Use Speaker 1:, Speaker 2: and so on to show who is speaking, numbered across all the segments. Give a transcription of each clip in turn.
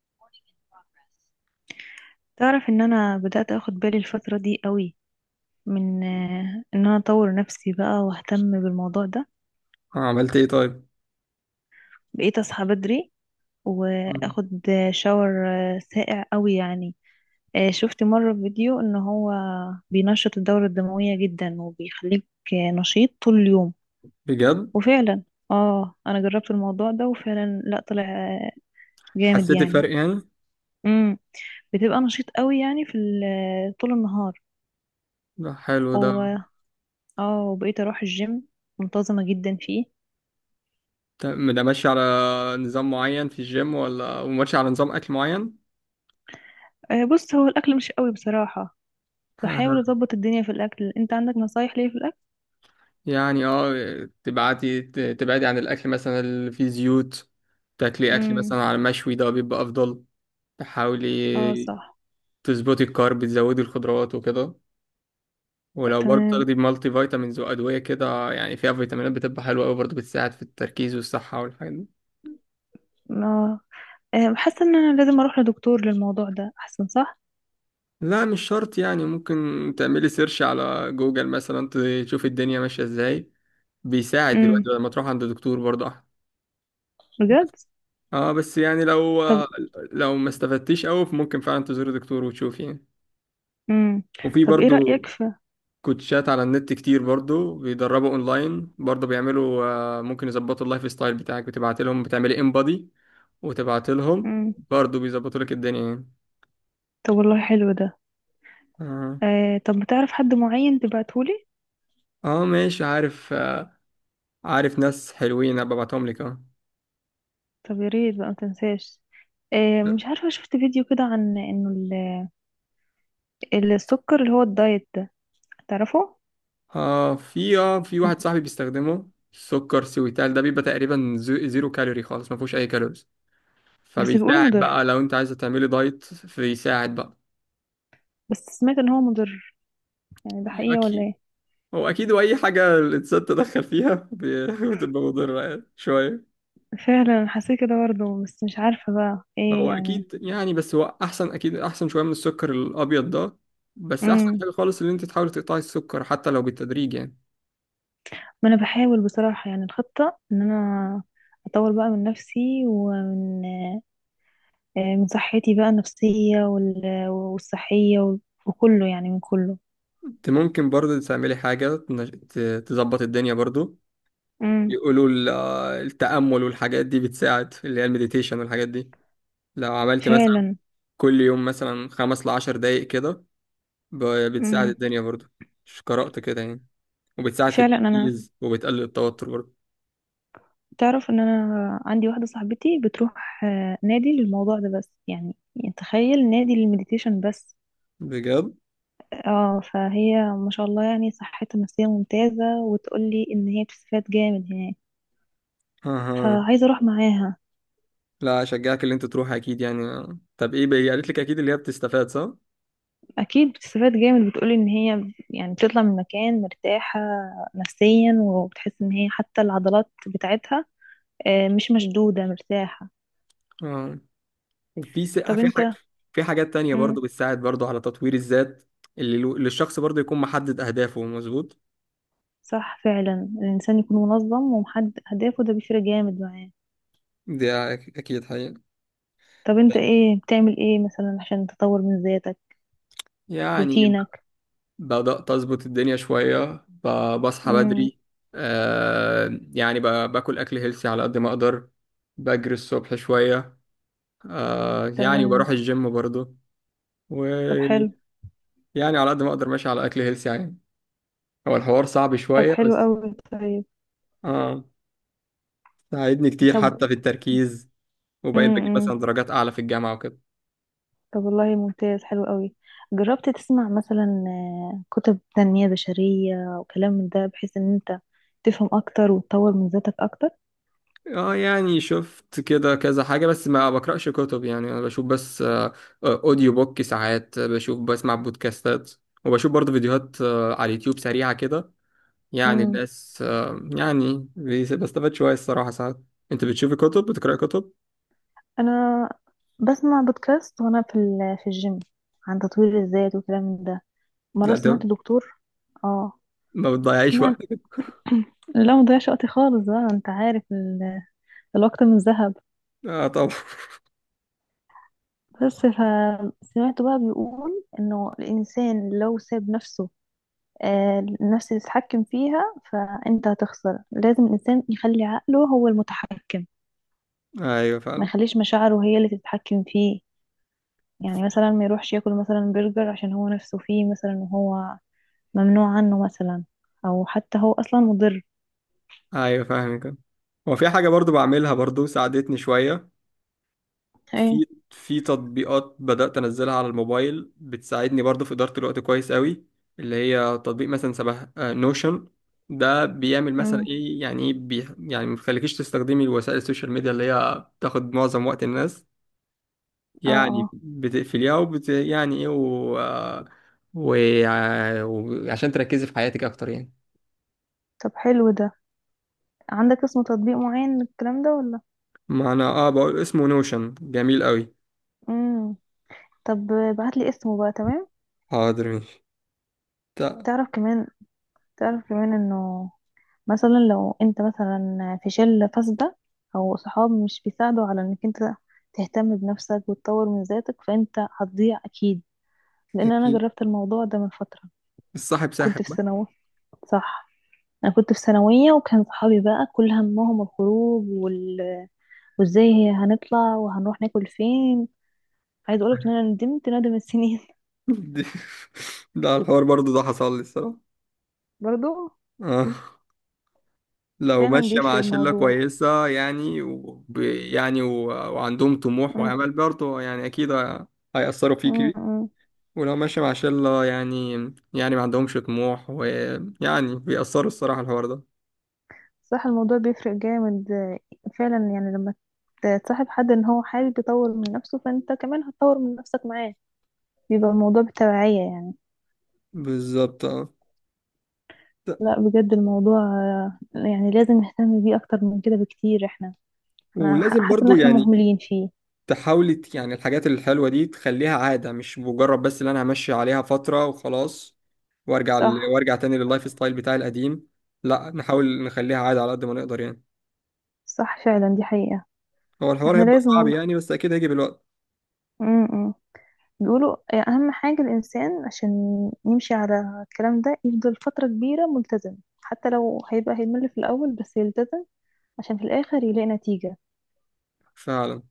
Speaker 1: Recording in progress. تعرف ان انا بدأت اخد بالي الفترة دي قوي من ان انا اطور نفسي بقى واهتم بالموضوع ده.
Speaker 2: عملت ايه طيب؟
Speaker 1: بقيت اصحى بدري
Speaker 2: مم.
Speaker 1: واخد شاور، ساقع قوي يعني. شفت مرة في فيديو ان هو بينشط الدورة الدموية جدا وبيخليك نشيط طول اليوم.
Speaker 2: بجد؟
Speaker 1: وفعلا اه، انا جربت الموضوع ده وفعلا لا، طلع جامد
Speaker 2: حسيت
Speaker 1: يعني.
Speaker 2: الفرق يعني؟
Speaker 1: امم، بتبقى نشيط قوي يعني في طول النهار.
Speaker 2: ده حلو ده.
Speaker 1: اه، وبقيت اروح الجيم منتظمة جدا فيه.
Speaker 2: ده ماشي على نظام معين في الجيم، ولا وماشي على نظام اكل معين؟
Speaker 1: بص، هو الاكل مش قوي بصراحة. بحاول
Speaker 2: آه.
Speaker 1: اظبط الدنيا في الاكل. انت عندك نصايح ليا في الاكل؟
Speaker 2: يعني اه تبعتي، تبعدي عن الاكل مثلا اللي فيه زيوت، تاكلي اكل
Speaker 1: امم.
Speaker 2: مثلا على مشوي ده بيبقى افضل.
Speaker 1: اه
Speaker 2: تحاولي
Speaker 1: صح.
Speaker 2: تظبطي الكارب، تزودي الخضروات وكده. ولو برضه
Speaker 1: تمام.
Speaker 2: تاخدي مالتي فيتامينز وادويه كده يعني فيها فيتامينات بتبقى حلوه قوي برضه، بتساعد في التركيز والصحه والحاجات دي.
Speaker 1: اه. حاسة ان انا لازم اروح لدكتور للموضوع ده، احسن صح؟
Speaker 2: لا مش شرط يعني، ممكن تعملي سيرش على جوجل مثلا، تشوف الدنيا ماشية ازاي. بيساعد
Speaker 1: امم.
Speaker 2: دلوقتي. لما تروح عند دكتور برضه أحسن.
Speaker 1: بجد.
Speaker 2: اه، بس يعني لو
Speaker 1: طب.
Speaker 2: ما استفدتيش قوي ممكن فعلا تزوري دكتور وتشوف يعني.
Speaker 1: امم.
Speaker 2: وفي
Speaker 1: طب، ايه
Speaker 2: برضه
Speaker 1: رأيك في...
Speaker 2: كوتشات على النت كتير برضه بيدربوا اونلاين، برضه بيعملوا ممكن يظبطوا اللايف ستايل بتاعك، بتبعت لهم بتعملي ان بودي وتبعت لهم،
Speaker 1: امم.
Speaker 2: برضه بيظبطوا لك الدنيا يعني.
Speaker 1: طب والله، حلو ده.
Speaker 2: اه.
Speaker 1: طب، بتعرف حد معين تبعتهولي؟
Speaker 2: اه ماشي، عارف عارف ناس حلوين أبقى ابعتهم لك، اه.
Speaker 1: طب يا ريت بقى، ما تنساش. مش عارفة، شفت فيديو كده عن انه السكر اللي هو الدايت ده، تعرفه؟
Speaker 2: في في واحد صاحبي بيستخدمه سكر سويتال، ده بيبقى تقريبا زيرو كالوري خالص، ما فيهوش اي كالوريز.
Speaker 1: بس بيقولوا
Speaker 2: فبيساعد
Speaker 1: مضر.
Speaker 2: بقى لو انت عايزه تعملي دايت، فبيساعد بقى.
Speaker 1: بس سمعت ان هو مضر، يعني ده حقيقة ولا
Speaker 2: اكيد.
Speaker 1: ايه؟
Speaker 2: هو اكيد واي حاجه الانسان تدخل فيها بتبقى مضره يعني شويه.
Speaker 1: فعلا حسيت كده برضه، بس مش عارفة بقى ايه
Speaker 2: هو
Speaker 1: يعني.
Speaker 2: اكيد يعني، بس هو احسن، اكيد احسن شويه من السكر الابيض ده. بس احسن
Speaker 1: امم.
Speaker 2: حاجه خالص ان انت تحاولي تقطعي السكر حتى لو بالتدريج يعني.
Speaker 1: ما انا بحاول بصراحة، يعني الخطة ان انا اطور بقى من نفسي، ومن من صحتي بقى النفسية، والصحية، وكله يعني، من كله.
Speaker 2: انت ممكن برضه تعملي حاجه تظبط الدنيا برضه.
Speaker 1: امم.
Speaker 2: يقولوا التأمل والحاجات دي بتساعد، اللي هي المديتيشن والحاجات دي. لو عملت مثلا
Speaker 1: فعلا.
Speaker 2: كل يوم مثلا خمس لعشر دقايق كده، ب- بتساعد
Speaker 1: امم.
Speaker 2: الدنيا برضه، مش قرأت كده يعني. وبتساعد في
Speaker 1: فعلا. انا
Speaker 2: التركيز وبتقلل التوتر برضه.
Speaker 1: تعرف ان انا عندي واحدة صاحبتي بتروح نادي للموضوع ده، بس يعني، تخيل، نادي للمديتيشن بس.
Speaker 2: بجد؟
Speaker 1: اه، فهي ما شاء الله يعني، صحتها النفسية ممتازة، وتقولي ان هي بتستفاد جامد هناك.
Speaker 2: اها.
Speaker 1: فعايزة اروح معاها.
Speaker 2: لا اشجعك اللي انت تروح، اكيد يعني. طب ايه بقى قالت لك، اكيد اللي هي بتستفاد صح؟
Speaker 1: اكيد بتستفاد جامد، بتقولي ان هي يعني بتطلع من مكان مرتاحة نفسيا، وبتحس ان هي حتى العضلات بتاعتها مش مشدودة، مرتاحة.
Speaker 2: اه.
Speaker 1: طب
Speaker 2: في حاجة،
Speaker 1: انت...
Speaker 2: في حاجات تانية
Speaker 1: مم.
Speaker 2: برضه بتساعد برضه على تطوير الذات. اللي الشخص برضه يكون محدد اهدافه مظبوط؟
Speaker 1: صح، فعلا الانسان يكون منظم ومحدد اهدافه ده بيفرق جامد معاه.
Speaker 2: دي اكيد حقيقة.
Speaker 1: طب انت ايه بتعمل ايه مثلا عشان تطور من ذاتك؟
Speaker 2: يعني
Speaker 1: روتينك؟
Speaker 2: بدأت أظبط الدنيا شوية، بصحى
Speaker 1: مم.
Speaker 2: بدري. آه يعني ب- باكل أكل هيلثي على قد ما أقدر. بجري الصبح شوية. آه يعني
Speaker 1: تمام.
Speaker 2: بروح الجيم برضه.
Speaker 1: طب
Speaker 2: ويعني
Speaker 1: حلو.
Speaker 2: على قد ما أقدر ماشي على أكل هيلثي يعني. هو الحوار صعب
Speaker 1: طب
Speaker 2: شوية
Speaker 1: حلو
Speaker 2: بس.
Speaker 1: قوي. طيب.
Speaker 2: آه. ساعدني كتير حتى
Speaker 1: طب.
Speaker 2: في التركيز. وبقيت بجيب
Speaker 1: امم.
Speaker 2: مثلا درجات أعلى في الجامعة وكده.
Speaker 1: طب والله، ممتاز، حلو قوي. جربت تسمع مثلا كتب تنمية بشرية وكلام من ده، بحيث ان انت تفهم اكتر وتطور من ذاتك اكتر؟
Speaker 2: اه يعني شفت كده كذا حاجة، بس ما بقرأش كتب يعني. انا بشوف بس اوديو بوك ساعات، آه، بشوف بسمع بودكاستات. وبشوف برضه فيديوهات على اليوتيوب سريعة كده. يعني
Speaker 1: امم.
Speaker 2: الناس يعني بستفاد شوية الصراحة ساعات. انت بتشوفي كتب؟ بتقرأي كتب؟
Speaker 1: انا بسمع بودكاست وانا في في الجيم، عن تطوير الذات وكلام من ده. مرة
Speaker 2: لا ده
Speaker 1: سمعت دكتور. اه.
Speaker 2: ما بتضيعيش
Speaker 1: سمعت
Speaker 2: وقتك.
Speaker 1: لا، مضيعش وقتي خالص بقى، انت عارف الوقت من ذهب.
Speaker 2: اه طبعا.
Speaker 1: بس فسمعت بقى بيقول انه الانسان لو ساب نفسه النفس تتحكم فيها فانت هتخسر. لازم الانسان يخلي عقله هو المتحكم،
Speaker 2: ايوه
Speaker 1: ما
Speaker 2: فعلا.
Speaker 1: يخليش مشاعره هي اللي تتحكم فيه. يعني مثلا ما يروحش ياكل مثلا برجر عشان هو نفسه فيه مثلا، وهو ممنوع عنه مثلا، او حتى هو اصلا مضر.
Speaker 2: ايوه فاهمك. هو في حاجة برضه بعملها برضه ساعدتني شوية،
Speaker 1: ايه.
Speaker 2: في تطبيقات بدأت أنزلها على الموبايل بتساعدني برضو في إدارة الوقت كويس قوي. اللي هي تطبيق مثلا شبه نوشن، ده بيعمل مثلا
Speaker 1: امم.
Speaker 2: إيه يعني إيه بي، يعني ما بيخليكيش تستخدمي وسائل السوشيال ميديا اللي هي بتاخد معظم وقت الناس.
Speaker 1: اه.
Speaker 2: يعني
Speaker 1: اه.
Speaker 2: بتقفليها، وبت يعني إيه، و... وعشان تركزي في حياتك أكتر يعني.
Speaker 1: طب حلو ده. عندك اسم تطبيق معين للكلام ده ولا؟
Speaker 2: معنى آه بقول اسمه نوشن جميل قوي.
Speaker 1: امم. طب ابعتلي اسمه بقى، تمام؟
Speaker 2: حاضر ماشي. تا-
Speaker 1: تعرف كمان تعرف كمان انه، مثلا لو انت مثلا في شلة فاسدة، او صحاب مش بيساعدوا على انك انت تهتم بنفسك وتطور من ذاتك، فانت هتضيع اكيد. لان انا
Speaker 2: أكيد
Speaker 1: جربت الموضوع ده من فترة،
Speaker 2: الصاحب
Speaker 1: كنت
Speaker 2: ساحب
Speaker 1: في ثانوي. صح. انا كنت في ثانوية، وكان صحابي بقى كل همهم الخروج وازاي هنطلع، وهنروح ناكل فين. عايز اقولك ان انا ندمت ندم السنين
Speaker 2: بقى. ده الحوار برضو ده حصل لي الصراحة.
Speaker 1: برضو.
Speaker 2: آه. لو
Speaker 1: فعلا
Speaker 2: ماشية
Speaker 1: بيفرق
Speaker 2: مع شلة
Speaker 1: الموضوع.
Speaker 2: كويسة يعني يعني، وعندهم طموح
Speaker 1: م-
Speaker 2: وعمل برضو، يعني أكيد هيأثروا فيك.
Speaker 1: م- م.
Speaker 2: ولو ماشية مع شلة يعني، يعني ما عندهمش طموح ويعني بيأثروا الصراحة الحوار ده.
Speaker 1: صح، الموضوع بيفرق جامد فعلا. يعني لما تصاحب حد ان هو حابب يطور من نفسه، فانت كمان هتطور من نفسك معاه، بيبقى الموضوع بالتبعية يعني.
Speaker 2: بالظبط اه. ت-
Speaker 1: لا بجد، الموضوع يعني لازم نهتم بيه اكتر من كده بكتير احنا. انا
Speaker 2: ولازم
Speaker 1: حاسة ان
Speaker 2: برضو
Speaker 1: احنا
Speaker 2: يعني
Speaker 1: مهملين فيه.
Speaker 2: تحاولي، يعني الحاجات الحلوة دي تخليها عادة، مش مجرد بس اللي انا همشي عليها فترة وخلاص وارجع
Speaker 1: صح.
Speaker 2: وارجع تاني لللايف ستايل بتاعي القديم. لا نحاول نخليها عادة على قد ما نقدر يعني.
Speaker 1: صح فعلا، دي حقيقة.
Speaker 2: هو الحوار
Speaker 1: احنا
Speaker 2: هيبقى
Speaker 1: لازم
Speaker 2: صعب
Speaker 1: والله.
Speaker 2: يعني، بس اكيد هيجي بالوقت.
Speaker 1: م- م. بيقولوا أهم حاجة الإنسان عشان يمشي على الكلام ده، يفضل فترة كبيرة ملتزم، حتى لو هيبقى هيمل في الأول بس يلتزم، عشان في الاخر يلاقي نتيجة.
Speaker 2: فعلا.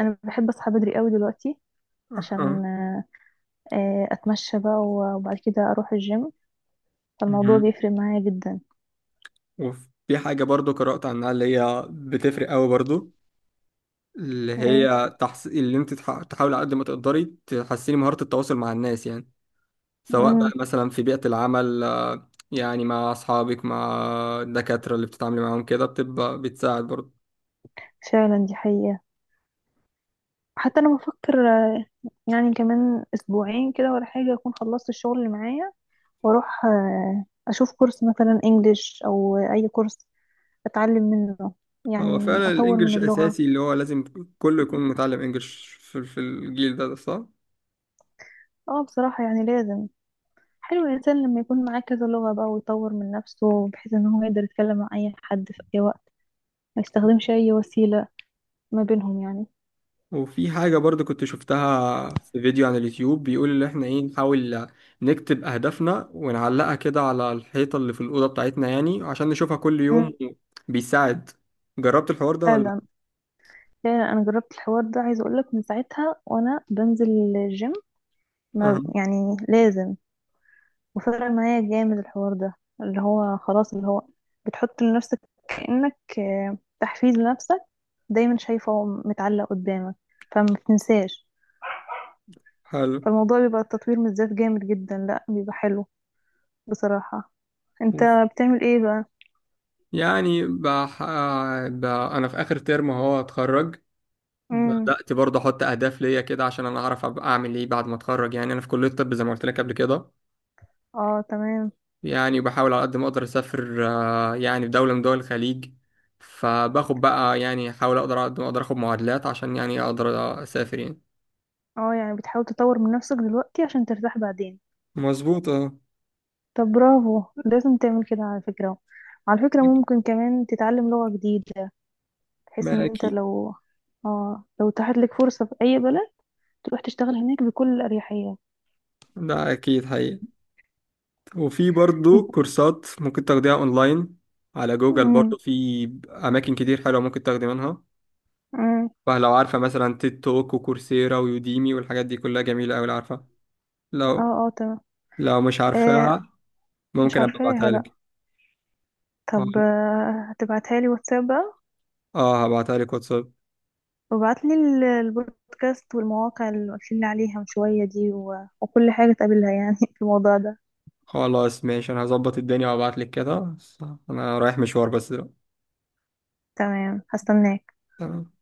Speaker 1: انا بحب اصحى بدري قوي دلوقتي عشان
Speaker 2: أها.
Speaker 1: اتمشى بقى، وبعد كده اروح الجيم، فالموضوع
Speaker 2: مهم.
Speaker 1: بيفرق معايا جدا.
Speaker 2: وفي حاجة برضو قرأت عنها اللي هي بتفرق قوي برضو، اللي
Speaker 1: ايه.
Speaker 2: هي تحس... اللي انت تح... تحاولي على قد ما تقدري تحسيني مهارة التواصل مع الناس يعني. سواء بقى
Speaker 1: امم.
Speaker 2: مثلا في بيئة العمل، يعني مع أصحابك، مع الدكاترة اللي بتتعاملي معاهم كده، بتبقى بتساعد برضه.
Speaker 1: فعلا دي حقيقة. حتى انا بفكر يعني كمان اسبوعين كده ولا حاجة، اكون خلصت الشغل اللي معايا، واروح اشوف كورس مثلا انجليش او اي كورس اتعلم منه،
Speaker 2: هو
Speaker 1: يعني
Speaker 2: فعلا
Speaker 1: اطور من
Speaker 2: الإنجليش
Speaker 1: اللغة.
Speaker 2: أساسي، اللي هو لازم كله يكون متعلم إنجليش في الجيل ده، ده صح؟
Speaker 1: اه بصراحة يعني لازم. حلو الإنسان لما يكون معاه كذا لغة بقى، ويطور من نفسه، بحيث إن هو يقدر يتكلم مع أي حد في أي وقت، ما يستخدمش أي وسيلة ما بينهم يعني.
Speaker 2: وفي حاجة برضه كنت شفتها في فيديو على اليوتيوب بيقول إن إحنا إيه، نحاول نكتب أهدافنا ونعلقها كده على الحيطة اللي في الأوضة بتاعتنا يعني عشان نشوفها كل يوم.
Speaker 1: مم.
Speaker 2: بيساعد. جربت الحوار ده ولا؟
Speaker 1: فعلا، فعلا أنا جربت الحوار ده. عايزة أقولك، من ساعتها وأنا بنزل الجيم، ما
Speaker 2: أه.
Speaker 1: يعني لازم، وفرق معايا جامد الحوار ده. اللي هو خلاص، اللي هو بتحط لنفسك كأنك تحفيز لنفسك، دايما شايفه متعلق قدامك، فما بتنساش.
Speaker 2: حلو.
Speaker 1: فالموضوع بيبقى التطوير من الذات جامد جدا، لا بيبقى حلو بصراحة. انت بتعمل ايه بقى؟
Speaker 2: يعني انا في اخر ترم اهو اتخرج.
Speaker 1: امم.
Speaker 2: بدأت برضه احط اهداف ليا كده عشان انا اعرف ابقى اعمل ايه بعد ما اتخرج. يعني انا في كلية الطب زي ما قلت لك قبل كده.
Speaker 1: اه تمام.
Speaker 2: يعني بحاول على قد ما اقدر اسافر، يعني في دولة من دول الخليج. فباخد بقى يعني احاول اقدر على قد ما اقدر اخد معادلات عشان يعني اقدر اسافر يعني.
Speaker 1: اه، يعني بتحاول تطور من نفسك دلوقتي عشان ترتاح بعدين؟
Speaker 2: مظبوط اه.
Speaker 1: طب برافو، لازم تعمل كده على فكرة. على فكرة، ممكن كمان تتعلم لغة جديدة، بحيث
Speaker 2: ما
Speaker 1: ان انت
Speaker 2: اكيد.
Speaker 1: لو اتاحت لك فرصة في اي بلد، تروح تشتغل هناك بكل اريحية.
Speaker 2: ده اكيد حقيقي. وفي برضو كورسات ممكن تاخديها اونلاين على جوجل
Speaker 1: امم.
Speaker 2: برضو، في اماكن كتير حلوه ممكن تاخدي منها.
Speaker 1: امم.
Speaker 2: فلو عارفة مثلا تيد توك وكورسيرا ويوديمي والحاجات دي كلها جميلة أوي لو عارفة.
Speaker 1: اه.
Speaker 2: لو
Speaker 1: اه تمام.
Speaker 2: مش
Speaker 1: آه
Speaker 2: عارفاها
Speaker 1: مش
Speaker 2: ممكن أبقى
Speaker 1: عارفاها
Speaker 2: أبعتها
Speaker 1: لا.
Speaker 2: لك.
Speaker 1: طب
Speaker 2: اه،
Speaker 1: هتبعتها لي واتساب بقى.
Speaker 2: هبعتها لك واتساب.
Speaker 1: وبعتلي البودكاست والمواقع اللي قلتلي عليها من شوية دي وكل حاجة تقابلها يعني في الموضوع ده.
Speaker 2: خلاص ماشي، أنا هظبط الدنيا وأبعت لك كده. أنا رايح مشوار بس دلوقتي.
Speaker 1: تمام، هستناك.
Speaker 2: تمام.